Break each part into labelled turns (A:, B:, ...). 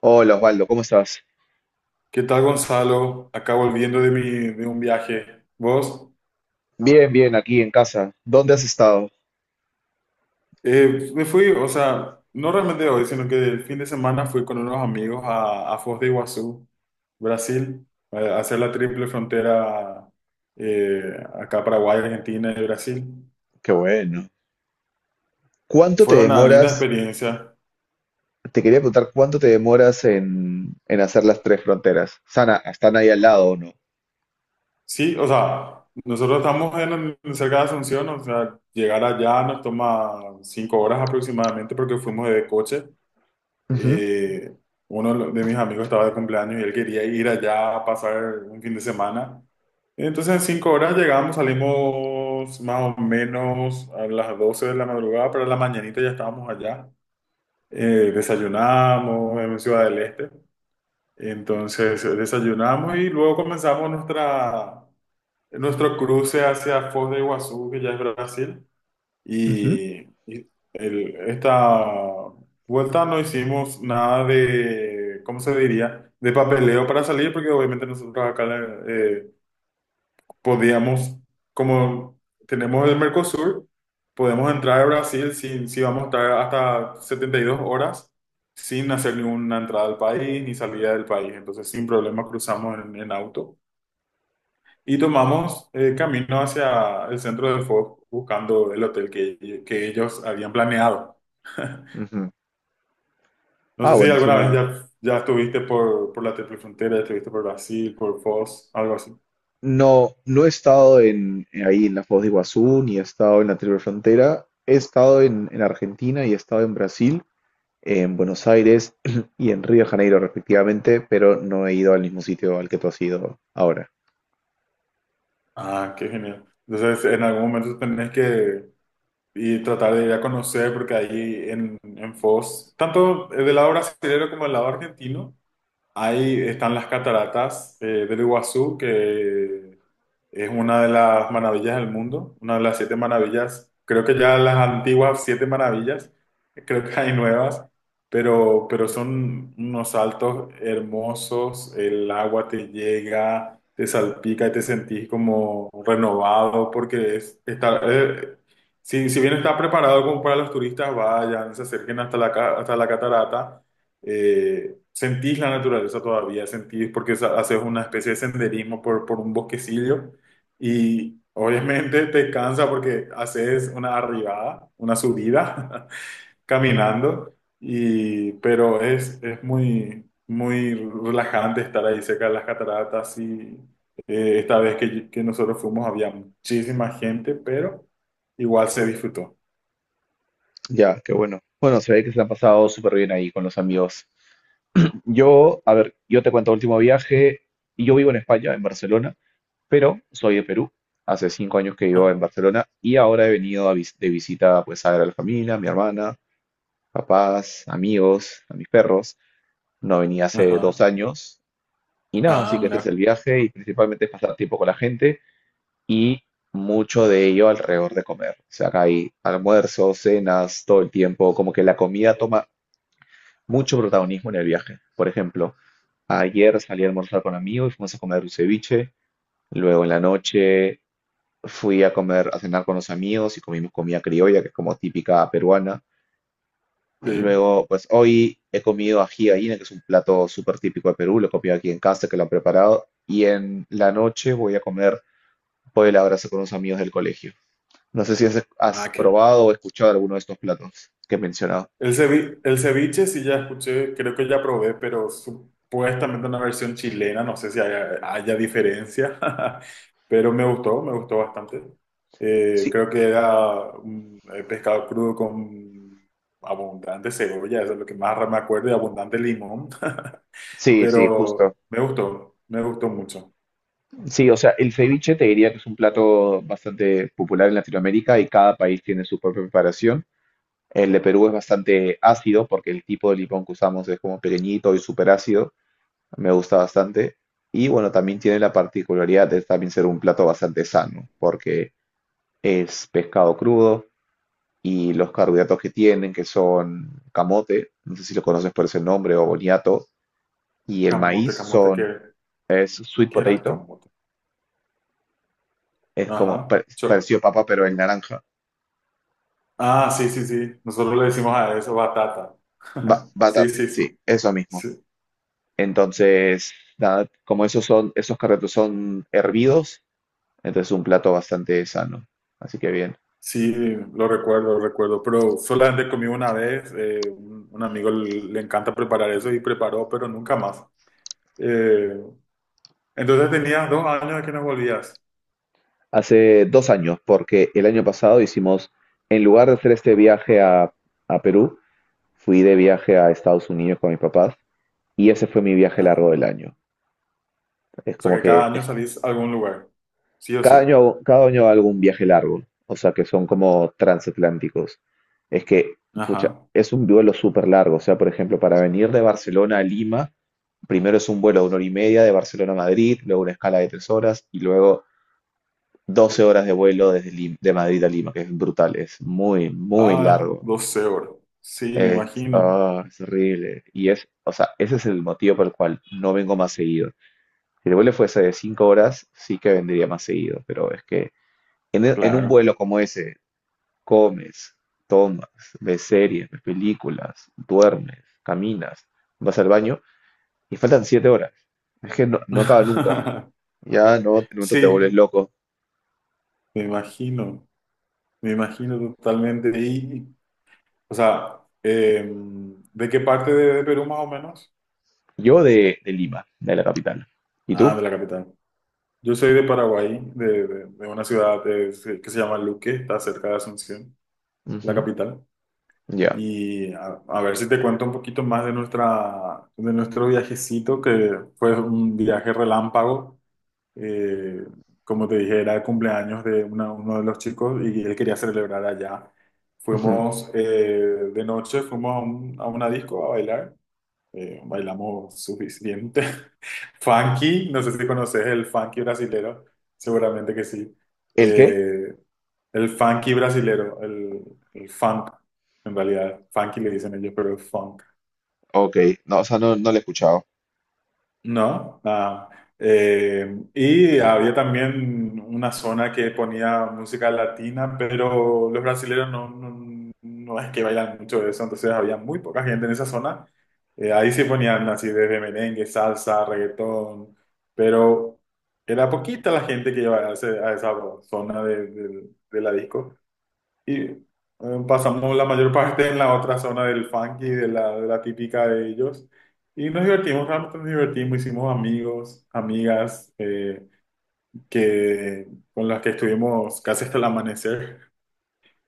A: Hola Osvaldo, ¿cómo estás?
B: ¿Qué tal, Gonzalo? Acá volviendo de un viaje. ¿Vos?
A: Bien, bien, aquí en casa. ¿Dónde has estado?
B: Me fui, o sea, no realmente hoy, sino que el fin de semana fui con unos amigos a Foz de Iguazú, Brasil, a hacer la Triple Frontera, eh, acá Paraguay, Argentina y Brasil.
A: Qué bueno. ¿Cuánto te
B: Fue una linda
A: demoras?
B: experiencia.
A: Te quería preguntar, ¿cuánto te demoras en hacer las tres fronteras? ¿Sana, están ahí al lado o no?
B: Sí, o sea, nosotros estamos cerca de Asunción. O sea, llegar allá nos toma 5 horas aproximadamente porque fuimos de coche.
A: Ujú,
B: eh, uno de mis amigos estaba de cumpleaños y él quería ir allá a pasar un fin de semana. Entonces en 5 horas llegamos, salimos más o menos a las 12 de la madrugada, pero a la mañanita ya estábamos allá. Desayunamos en Ciudad del Este. Entonces desayunamos y luego comenzamos nuestro cruce hacia Foz de Iguazú, que ya es Brasil.
A: ujú,
B: Y, y esta vuelta no hicimos nada de, ¿cómo se diría? De papeleo para salir, porque obviamente nosotros acá eh, podíamos, como tenemos el Mercosur, podemos entrar a Brasil sin, si vamos a estar hasta 72 horas sin hacer ninguna entrada al país ni salida del país. Entonces, sin problema cruzamos en auto y tomamos camino hacia el centro del fuego buscando el hotel que ellos habían planeado.
A: ujú.
B: No
A: Ah,
B: sé si
A: bueno, es
B: alguna vez
A: una.
B: ya estuviste por la Triple Frontera, ya estuviste por Brasil, por Foz, algo así.
A: No, no he estado ahí en la Foz de Iguazú, ni he estado en la Triple Frontera. He estado en Argentina y he estado en Brasil, en Buenos Aires y en Río de Janeiro, respectivamente, pero no he ido al mismo sitio al que tú has ido ahora.
B: Ah, qué genial. Entonces, en algún momento tenés que y tratar de ir a conocer, porque ahí en Foz, tanto del lado brasileño como del lado argentino, ahí están las cataratas del Iguazú, que es una de las maravillas del mundo, una de las siete maravillas. Creo que ya las antiguas siete maravillas, creo que hay nuevas, pero son unos saltos hermosos. El agua te llega, te salpica y te sentís como renovado, porque está, si bien está preparado como para los turistas, vayan, se acerquen hasta la catarata. Sentís la naturaleza todavía, sentís porque haces una especie de senderismo por un bosquecillo y obviamente te cansa porque haces una arribada, una subida caminando, pero es muy, muy relajante estar ahí cerca de las cataratas y esta vez que nosotros fuimos había muchísima gente, pero igual se disfrutó.
A: Ya, qué bueno. Bueno, se ve que se la han pasado súper bien ahí con los amigos. Yo, a ver, yo te cuento el último viaje. Yo vivo en España, en Barcelona, pero soy de Perú. Hace 5 años que vivo en Barcelona y ahora he venido a de visita, pues a ver a la familia, a mi hermana, papás, amigos, a mis perros. No venía hace dos
B: Ajá.
A: años y nada,
B: Ah,
A: así que este es el
B: mira.
A: viaje y principalmente es pasar tiempo con la gente y mucho de ello alrededor de comer. O sea, acá hay almuerzos, cenas, todo el tiempo, como que la comida toma mucho protagonismo en el viaje. Por ejemplo, ayer salí a almorzar con amigos y fuimos a comer un ceviche. Luego en la noche fui a comer, a cenar con los amigos y comimos comida criolla, que es como típica peruana. Y
B: Sí.
A: luego, pues hoy he comido ají de gallina, que es un plato súper típico de Perú, lo he comido aquí en casa, que lo han preparado. Y en la noche voy a comer pollo a la brasa con unos amigos del colegio. No sé si has
B: Ah, qué,
A: probado o escuchado alguno de estos platos que he mencionado.
B: El ceviche, el ceviche sí ya escuché, creo que ya probé, pero supuestamente una versión chilena, no sé si haya diferencia, pero me gustó bastante. Eh,
A: Sí,
B: creo que era un pescado crudo con abundante cebolla, eso es lo que más me acuerdo, y abundante limón,
A: sí, sí, justo.
B: pero me gustó mucho.
A: Sí, o sea, el ceviche te diría que es un plato bastante popular en Latinoamérica y cada país tiene su propia preparación. El de Perú es bastante ácido porque el tipo de limón que usamos es como pequeñito y súper ácido. Me gusta bastante. Y bueno, también tiene la particularidad de también ser un plato bastante sano porque es pescado crudo y los carbohidratos que tienen, que son camote, no sé si lo conoces por ese nombre, o boniato, y el
B: Camote,
A: maíz
B: camote, ¿qué,
A: son es sweet
B: qué era el
A: potato,
B: camote?
A: es como
B: Ajá.
A: parecido a papa pero en naranja.
B: Ah, sí, sí, sí, nosotros le decimos a eso batata.
A: Ba-
B: Sí,
A: batata,
B: sí,
A: sí,
B: sí.
A: eso mismo.
B: Sí,
A: Entonces, nada, como esos son, esos carretos son hervidos, entonces un plato bastante sano. Así que bien.
B: sí, lo recuerdo, pero solamente comí una vez. Un amigo, le encanta preparar eso y preparó, pero nunca más. Eh, entonces tenías 2 años de que no volvías.
A: Hace dos años, porque el año pasado hicimos, en lugar de hacer este viaje a Perú, fui de viaje a Estados Unidos con mis papás y ese fue mi viaje largo
B: Ajá.
A: del año. Es
B: O sea
A: como
B: que cada
A: que
B: año salís a algún lugar, sí o
A: Cada
B: sí.
A: año, hago- cada año hago un viaje largo, o sea que son como transatlánticos. Es que, pucha,
B: Ajá.
A: es un vuelo súper largo, o sea, por ejemplo, para venir de Barcelona a Lima, primero es un vuelo de 1 hora y media de Barcelona a Madrid, luego una escala de 3 horas y luego 12 horas de vuelo desde de Madrid a Lima, que es brutal, es muy, muy
B: Ah,
A: largo.
B: 12 horas. Sí, me
A: Es,
B: imagino.
A: ah, es horrible. Y es, o sea, ese es el motivo por el cual no vengo más seguido. Si el vuelo fuese de 5 horas, sí que vendría más seguido, pero es que en un
B: Claro.
A: vuelo como ese, comes, tomas, ves series, ves películas, duermes, caminas, vas al baño y faltan 7 horas. Es que no, no acaba nunca. Ya no, en un momento te vuelves
B: Sí,
A: loco.
B: me imagino, me imagino totalmente. Y o sea, ¿de qué parte de Perú más o menos?
A: Yo de Lima, de la capital. ¿Y
B: Ah,
A: tú?
B: de la capital. Yo soy de Paraguay, de, de una ciudad, que se llama Luque, está cerca de Asunción, la
A: Ujú,
B: capital.
A: ya,
B: Y a ver si te cuento un poquito más de nuestra, de nuestro viajecito, que fue un viaje relámpago. Eh, como te dije, era el cumpleaños de uno de los chicos y él quería celebrar allá.
A: ujú.
B: Fuimos de noche, fuimos a una disco a bailar. Bailamos suficiente. Funky, no sé si conoces el funky brasilero, seguramente que sí.
A: ¿El qué?
B: Eh, el funky brasilero, el funk, en realidad, funky le dicen ellos, pero es funk.
A: Ok, no, o sea, no lo he escuchado.
B: No, nada. Y había también una zona que ponía música latina, pero los brasileños no, no, no es que bailan mucho de eso, entonces había muy poca gente en esa zona. Ahí sí ponían así desde merengue, salsa, reggaetón, pero era poquita la gente que iba a esa zona de, de la disco. Y pasamos la mayor parte en la otra zona del funky, de la típica de ellos. Y nos divertimos, realmente nos divertimos, hicimos amigos, amigas, que, con las que estuvimos casi hasta el amanecer.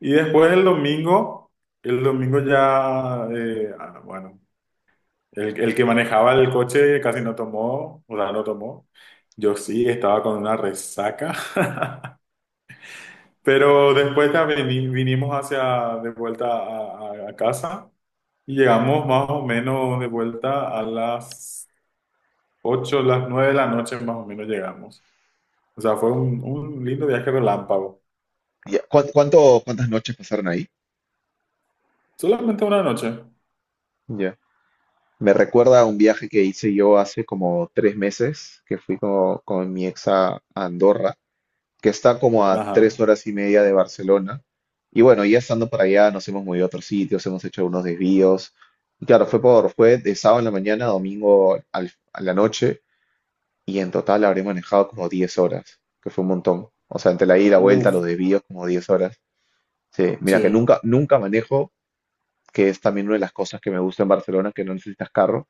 B: Y después el domingo ya, bueno, el que manejaba el coche casi no tomó, o sea, no tomó. Yo sí estaba con una resaca. Pero después ya vinimos de vuelta a casa y llegamos más o menos de vuelta a las 8 las 9 de la noche, más o menos llegamos. O sea, fue un lindo viaje relámpago.
A: Ya, ¿Cuántas noches pasaron ahí?
B: Solamente una noche.
A: Ya. Me recuerda a un viaje que hice yo hace como 3 meses, que fui con mi ex a Andorra, que está como a tres
B: Ajá.
A: horas y media de Barcelona. Y bueno, ya estando para allá, nos hemos movido a otros sitios, hemos hecho unos desvíos. Y claro, fue de sábado en la mañana a domingo a la noche, y en total habré manejado como 10 horas, que fue un montón. O sea, entre la ida, y la vuelta,
B: Uf,
A: los desvíos, como 10 horas. Sí, mira que
B: sí.
A: nunca, nunca manejo, que es también una de las cosas que me gusta en Barcelona, que no necesitas carro.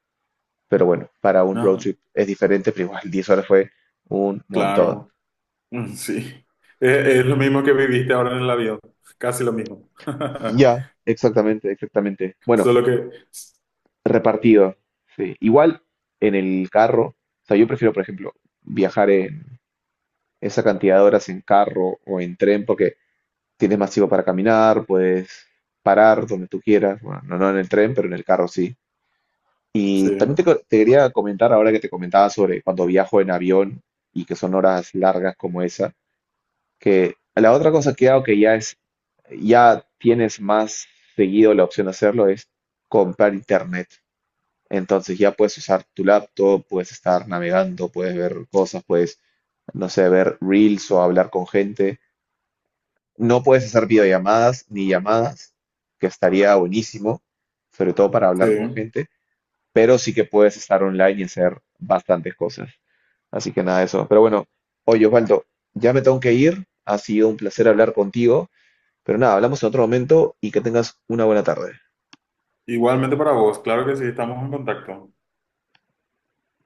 A: Pero bueno, para un road
B: Ajá.
A: trip es diferente, pero igual 10 horas fue un montón.
B: Claro. Mm, sí. Es lo mismo que viviste ahora en el avión. Casi lo mismo.
A: Ya, exactamente, exactamente. Bueno,
B: Solo que.
A: repartido. Sí. Igual en el carro, o sea, yo prefiero, por ejemplo, viajar en esa cantidad de horas en carro o en tren porque tienes más tiempo para caminar, puedes parar donde tú quieras, bueno, no en el tren, pero en el carro sí.
B: Sí,
A: Y también te quería comentar ahora que te comentaba sobre cuando viajo en avión y que son horas largas como esa, que la otra cosa que hago que ya es, ya tienes más seguido la opción de hacerlo es comprar internet. Entonces ya puedes usar tu laptop, puedes estar navegando, puedes ver cosas, puedes, no sé, ver reels o hablar con gente. No puedes hacer videollamadas ni llamadas, que estaría buenísimo, sobre todo para
B: sí.
A: hablar con gente, pero sí que puedes estar online y hacer bastantes cosas. Así que nada de eso. Pero bueno, oye Osvaldo, ya me tengo que ir. Ha sido un placer hablar contigo, pero nada, hablamos en otro momento y que tengas una buena tarde.
B: Igualmente para vos. Claro que sí, estamos en contacto.